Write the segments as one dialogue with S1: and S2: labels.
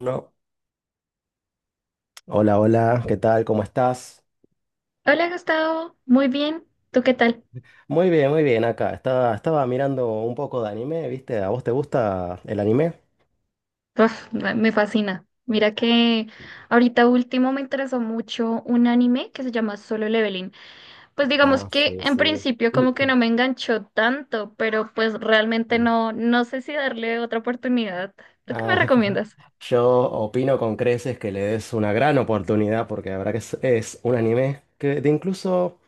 S1: No. Hola, hola, ¿qué tal? ¿Cómo estás?
S2: Hola Gustavo, muy bien. ¿Tú qué tal?
S1: Muy bien, acá. Estaba mirando un poco de anime, ¿viste? ¿A vos te gusta el anime?
S2: Uf, me fascina. Mira que ahorita último me interesó mucho un anime que se llama Solo Leveling. Pues digamos
S1: Ah,
S2: que
S1: sí,
S2: en
S1: sí.
S2: principio como que no me enganchó tanto, pero pues realmente no sé si darle otra oportunidad. ¿Tú qué me
S1: Ah,
S2: recomiendas?
S1: yo opino con creces que le des una gran oportunidad porque la verdad que es un anime que de incluso,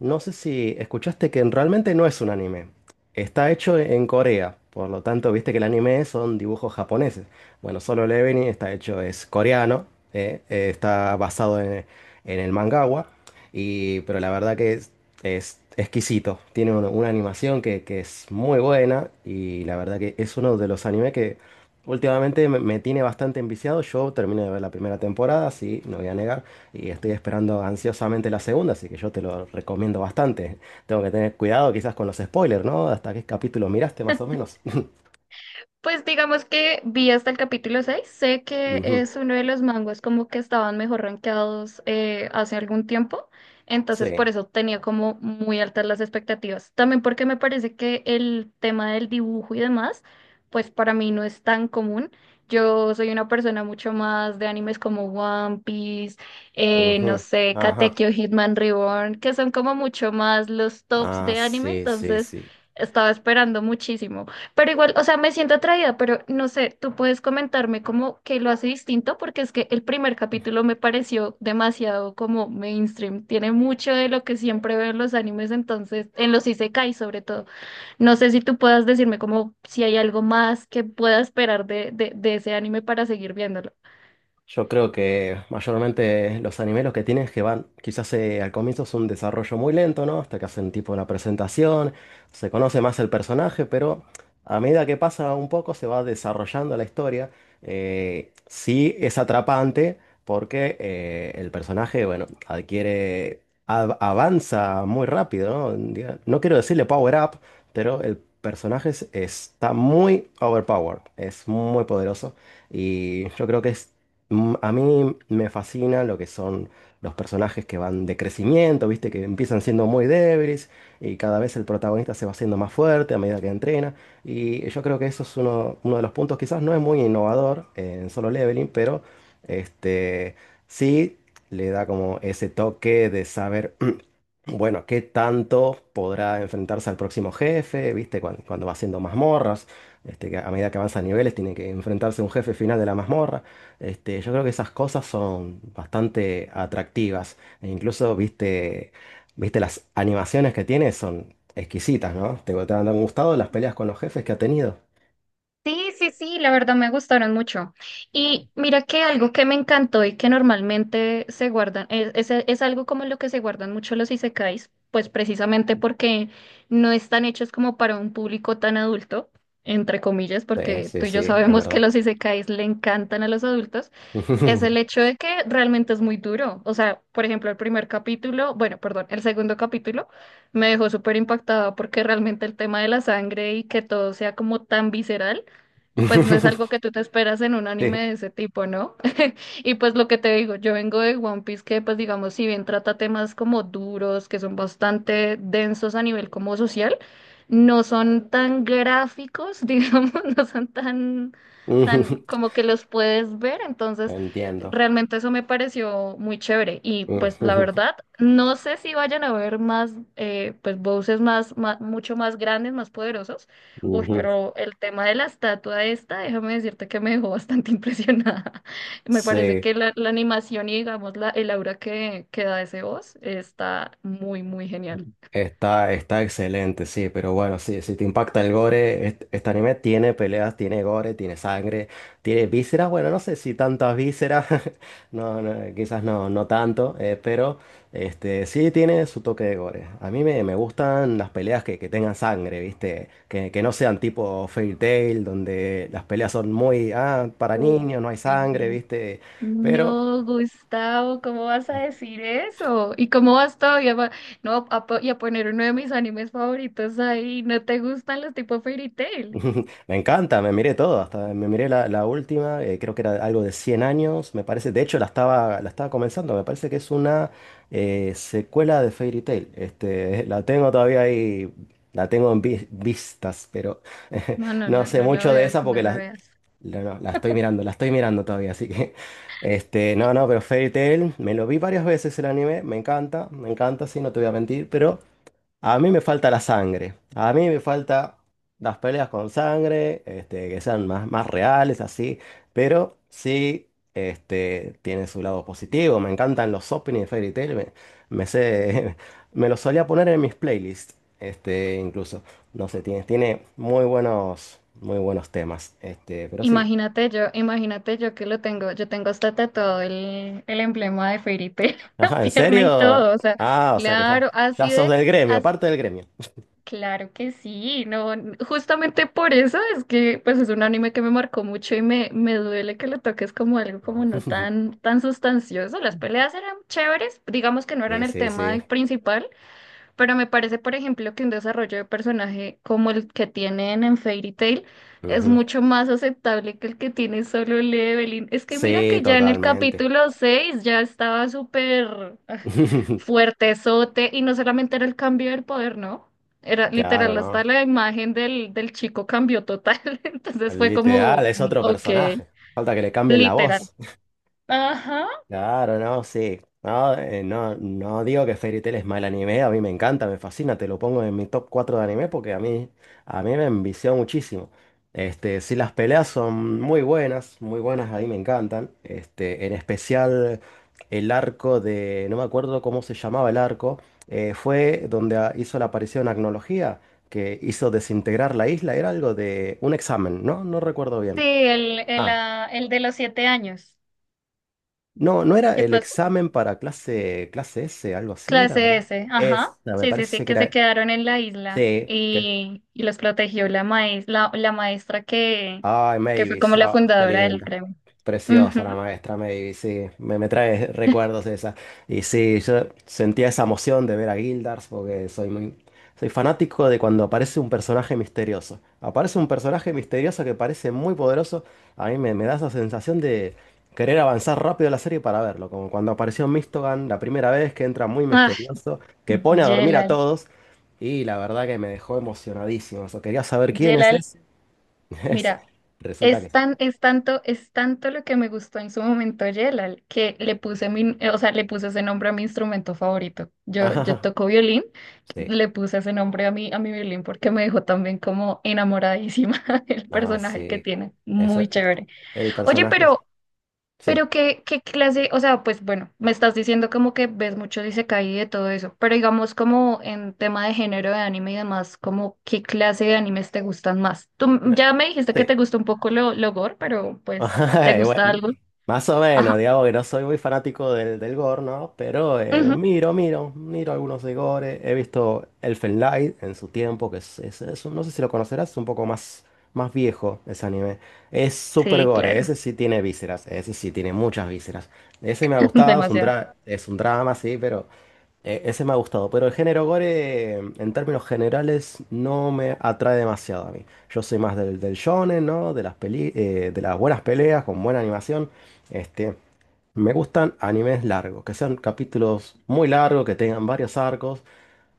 S1: no sé si escuchaste que realmente no es un anime. Está hecho en Corea, por lo tanto, viste que el anime son dibujos japoneses. Bueno, Solo Leveling está hecho, es coreano, está basado en el mangawa, y, pero la verdad que es exquisito. Tiene una animación que es muy buena y la verdad que es uno de los animes que... Últimamente me tiene bastante enviciado. Yo terminé de ver la primera temporada, sí, no voy a negar, y estoy esperando ansiosamente la segunda, así que yo te lo recomiendo bastante. Tengo que tener cuidado quizás con los spoilers, ¿no? ¿Hasta qué capítulo miraste más o menos?
S2: Pues digamos que vi hasta el capítulo 6. Sé que
S1: Ujú,
S2: es uno de los manguas como que estaban mejor rankeados hace algún tiempo, entonces por
S1: sí.
S2: eso tenía como muy altas las expectativas. También porque me parece que el tema del dibujo y demás, pues para mí no es tan común. Yo soy una persona mucho más de animes como One Piece, no
S1: Ujú,
S2: sé,
S1: ajá.
S2: Katekyo Hitman Reborn, que son como mucho más los tops
S1: Ah,
S2: de anime,
S1: sí, sí,
S2: entonces
S1: sí.
S2: estaba esperando muchísimo. Pero igual, o sea, me siento atraída, pero no sé, tú puedes comentarme como que lo hace distinto, porque es que el primer capítulo me pareció demasiado como mainstream. Tiene mucho de lo que siempre veo en los animes, entonces, en los isekai sobre todo. No sé si tú puedas decirme como si hay algo más que pueda esperar de ese anime para seguir viéndolo.
S1: Yo creo que mayormente los animes los que tienen es que van, quizás al comienzo es un desarrollo muy lento, ¿no? Hasta que hacen tipo una presentación, se conoce más el personaje, pero a medida que pasa un poco se va desarrollando la historia. Sí es atrapante porque el personaje, bueno, adquiere, avanza muy rápido, ¿no? No quiero decirle power up, pero el personaje está muy overpowered, es muy poderoso. Y yo creo que es. A mí me fascina lo que son los personajes que van de crecimiento, ¿viste? Que empiezan siendo muy débiles y cada vez el protagonista se va haciendo más fuerte a medida que entrena. Y yo creo que eso es uno de los puntos, quizás no es muy innovador en Solo Leveling, pero este, sí le da como ese toque de saber, bueno, qué tanto podrá enfrentarse al próximo jefe, ¿viste? Cuando va haciendo mazmorras, que a medida que avanza niveles tiene que enfrentarse a un jefe final de la mazmorra. Yo creo que esas cosas son bastante atractivas. E incluso, viste, viste las animaciones que tiene son exquisitas, ¿no? ¿Te han gustado las peleas con los jefes que ha tenido?
S2: Sí, sí, sí, la verdad me gustaron mucho. Y mira que algo que me encantó y que normalmente se guardan, es algo como lo que se guardan mucho los isekais, pues precisamente porque no están hechos como para un público tan adulto, entre comillas,
S1: Sí,
S2: porque
S1: sí,
S2: tú y
S1: sí,
S2: yo
S1: es
S2: sabemos que
S1: verdad.
S2: los isekais le encantan a los adultos, es el hecho de que realmente es muy duro. O sea, por ejemplo, el primer capítulo, bueno, perdón, el segundo capítulo me dejó súper impactada porque realmente el tema de la sangre y que todo sea como tan visceral pues no es algo que tú te esperas en un anime
S1: Sí.
S2: de ese tipo, ¿no? Y pues lo que te digo, yo vengo de One Piece que pues digamos, si bien trata temas como duros, que son bastante densos a nivel como social, no son tan gráficos, digamos, no son tan como que los puedes ver, entonces
S1: Entiendo.
S2: realmente eso me pareció muy chévere y pues la verdad, no sé si vayan a ver más, pues voces mucho más grandes, más poderosos. Uy, pero el tema de la estatua esta, déjame decirte que me dejó bastante impresionada. Me parece
S1: Sí.
S2: que la animación y digamos el aura que da ese voz está muy, muy genial.
S1: Está excelente, sí, pero bueno, sí, si te impacta el gore, este anime tiene peleas, tiene gore, tiene sangre, tiene vísceras, bueno, no sé si tantas vísceras, no, no, quizás no, no tanto, pero este, sí tiene su toque de gore. A mí me gustan las peleas que tengan sangre, ¿viste? Que no sean tipo Fairy Tail, donde las peleas son muy, ah, para
S2: Uy,
S1: niños, no hay
S2: sí.
S1: sangre, ¿viste? Pero
S2: No, Gustavo, ¿cómo vas a decir eso? ¿Y cómo vas todavía no, y a poner uno de mis animes favoritos ahí? ¿No te gustan los tipo Fairy Tail?
S1: me encanta, me miré todo, hasta me miré la última, creo que era algo de 100 años, me parece, de hecho la estaba comenzando, me parece que es una secuela de Fairy Tail, este, la tengo todavía ahí, la tengo en vistas, pero
S2: No, no,
S1: no sé
S2: no la
S1: mucho de
S2: veas,
S1: esa
S2: no
S1: porque
S2: la veas.
S1: no, la estoy mirando, todavía, así que, este, no, no, pero Fairy Tail, me lo vi varias veces el anime, me encanta, sí, no te voy a mentir, pero... A mí me falta la sangre. A mí me falta las peleas con sangre, este, que sean más, más reales, así. Pero sí, este, tiene su lado positivo. Me encantan los openings de Fairy Tail. Me sé, me los solía poner en mis playlists. Este, incluso. No sé, tiene, tiene muy buenos temas. Este, pero sí.
S2: Imagínate yo que lo tengo, yo tengo hasta tatuado el emblema de Fairy Tail, en la
S1: Ajá, ¿en
S2: pierna y
S1: serio?
S2: todo, o sea,
S1: Ah, o sea que ya,
S2: claro,
S1: ya sos del gremio,
S2: as-
S1: parte del gremio.
S2: claro que sí, no, justamente por eso es que, pues es un anime que me marcó mucho y me duele que lo toques como algo como no tan sustancioso, las peleas eran chéveres, digamos que no eran
S1: Sí,
S2: el
S1: sí,
S2: tema
S1: sí.
S2: principal, pero me parece, por ejemplo, que un desarrollo de personaje como el que tienen en Fairy Tail es
S1: Ujú.
S2: mucho más aceptable que el que tiene solo Evelyn. Es que mira
S1: Sí,
S2: que ya en el
S1: totalmente.
S2: capítulo 6 ya estaba súper fuertezote y no solamente era el cambio del poder, ¿no? Era
S1: Claro,
S2: literal, hasta
S1: ¿no?
S2: la imagen del chico cambió total. Entonces
S1: El
S2: fue
S1: literal
S2: como,
S1: es otro
S2: ok,
S1: personaje. Falta que le cambien la
S2: literal.
S1: voz.
S2: Ajá.
S1: Claro, no, sí. No, no digo que Fairy Tail es mal anime, a mí me encanta, me fascina, te lo pongo en mi top 4 de anime porque a mí me envició muchísimo. Este, sí, las peleas son muy buenas, a mí me encantan. Este, en especial el arco de, no me acuerdo cómo se llamaba el arco, fue donde hizo la aparición Agnología, que hizo desintegrar la isla, era algo de un examen, ¿no? No recuerdo
S2: Sí,
S1: bien.
S2: el, el,
S1: Ah,
S2: ah, el de los 7 años.
S1: no, no era
S2: ¿Qué
S1: el
S2: pasó?
S1: examen para clase S, algo así era.
S2: Clase
S1: ¿No?
S2: S, ajá.
S1: Esa, me
S2: Sí, sí, sí,
S1: parece que
S2: que se
S1: era.
S2: quedaron en la isla
S1: Sí, que.
S2: y los protegió la maestra que,
S1: Ay,
S2: que fue como
S1: Mavis,
S2: la
S1: ah, qué
S2: fundadora del
S1: lindo.
S2: gremio.
S1: Preciosa la
S2: Ujú.
S1: maestra May, sí, me trae recuerdos esa. Y sí, yo sentía esa emoción de ver a Guildars porque soy fanático de cuando aparece un personaje misterioso. Aparece un personaje misterioso que parece muy poderoso, a mí me da esa sensación de querer avanzar rápido la serie para verlo, como cuando apareció Mistogan la primera vez que entra muy
S2: Ah,
S1: misterioso, que pone a dormir a
S2: Yelal.
S1: todos y la verdad que me dejó emocionadísimo. Eso, quería saber quién es ese.
S2: Mira,
S1: Resulta
S2: es
S1: que... sí.
S2: tan, es tanto, es tanto lo que me gustó en su momento Yelal, que le puse o sea, le puse ese nombre a mi instrumento favorito. Yo
S1: Ajá,
S2: toco violín,
S1: sí.
S2: le puse ese nombre a mi violín porque me dejó también como enamoradísima el
S1: Ah,
S2: personaje que
S1: sí.
S2: tiene. Muy
S1: Ese,
S2: chévere.
S1: el
S2: Oye,
S1: personaje,
S2: pero
S1: sí.
S2: qué clase, o sea, pues bueno, me estás diciendo como que ves mucho Isekai y de todo eso, pero digamos como en tema de género de anime y demás, como qué clase de animes te gustan más. Tú
S1: Me-
S2: ya me dijiste que
S1: Sí.
S2: te gusta un poco lo gore, pero pues, ¿te
S1: Ay,
S2: gusta
S1: bueno,
S2: algo?
S1: más o
S2: Ajá.
S1: menos, digamos que no soy muy fanático del gore, ¿no? Pero
S2: Ujú.
S1: miro algunos de gore. He visto Elfen Lied en su tiempo, que es un- no sé si lo conocerás, es un poco más, más viejo ese anime. Es súper
S2: Sí,
S1: gore,
S2: claro,
S1: ese sí tiene vísceras, ese sí tiene muchas vísceras. Ese me ha gustado, es un,
S2: demasiado.
S1: dra- es un drama, sí, pero... Ese me ha gustado, pero el género gore, en términos generales, no me atrae demasiado a mí. Yo soy más del shonen, ¿no? De las buenas peleas con buena animación. Este, me gustan animes largos, que sean capítulos muy largos, que tengan varios arcos.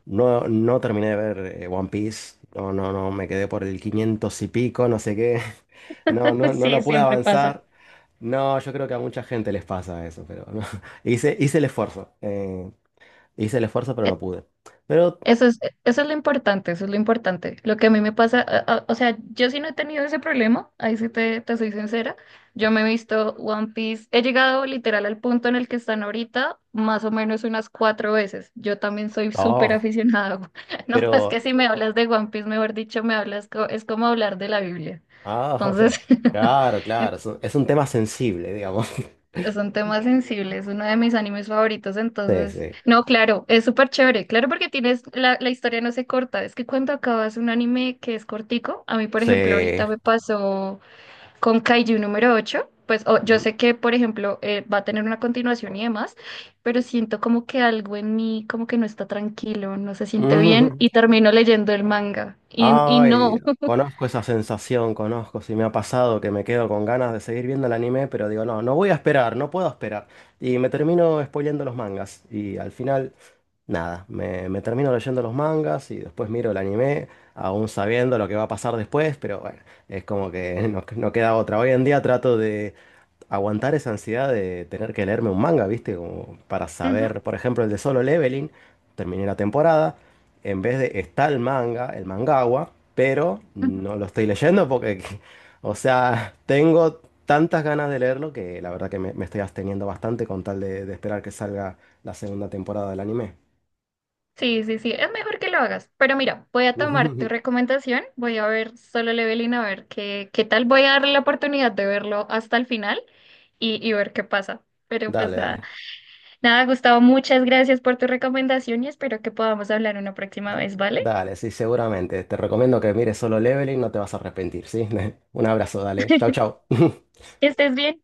S1: No, no terminé de ver One Piece. No, no, no, me quedé por el 500 y pico, no sé qué. No, no, no lo
S2: Sí,
S1: pude
S2: siempre pasa.
S1: avanzar. No, yo creo que a mucha gente les pasa eso, pero no. Hice el esfuerzo. Hice el esfuerzo, pero no pude. Pero,
S2: Eso es, eso es lo importante, eso es lo importante. Lo que a mí me pasa, o sea, yo sí no he tenido ese problema, ahí sí te soy sincera. Yo me he visto One Piece, he llegado literal al punto en el que están ahorita, más o menos unas cuatro veces. Yo también soy súper
S1: oh,
S2: aficionada. No, es que
S1: pero,
S2: si me hablas de One Piece, mejor dicho, me hablas, es como hablar de la Biblia.
S1: o sea,
S2: Entonces,
S1: claro, claro, es un tema sensible, digamos.
S2: son temas sensibles, uno de mis animes favoritos,
S1: Sí,
S2: entonces,
S1: sí,
S2: no, claro, es súper chévere, claro porque tienes, la historia no se corta, es que cuando acabas un anime que es cortico, a mí por ejemplo
S1: sí.
S2: ahorita me pasó con Kaiju número 8 pues yo sé que por ejemplo va a tener una continuación y demás, pero siento como que algo en mí como que no está tranquilo, no se siente bien
S1: Ujú.
S2: y termino leyendo el manga y
S1: Ay,
S2: no.
S1: conozco esa sensación, conozco, si me ha pasado que me quedo con ganas de seguir viendo el anime, pero digo, no, no voy a esperar, no puedo esperar. Y me termino spoileando los mangas. Y al final, nada, me termino leyendo los mangas y después miro el anime, aún sabiendo lo que va a pasar después, pero bueno, es como que no, no queda otra. Hoy en día trato de, aguantar esa ansiedad de tener que leerme un manga, ¿viste? Como para saber, por ejemplo, el de Solo Leveling, terminé la temporada, en vez de está el manga, el mangawa, pero
S2: Ujú.
S1: no lo estoy leyendo porque, o sea, tengo tantas ganas de leerlo que la verdad que me estoy absteniendo bastante con tal de esperar que salga la segunda temporada del anime.
S2: Sí, sí, sí, es mejor que lo hagas. Pero mira, voy a tomar tu recomendación, voy a ver Solo Leveling a ver qué, qué tal, voy a darle la oportunidad de verlo hasta el final y ver qué pasa. Pero
S1: Dale,
S2: pues nada,
S1: dale.
S2: Gustavo, muchas gracias por tu recomendación y espero que podamos hablar una próxima vez, ¿vale?
S1: Dale, sí, seguramente. Te recomiendo que mires Solo Leveling, no te vas a arrepentir, ¿sí? Un abrazo, dale. Chau, chau.
S2: Que estés bien.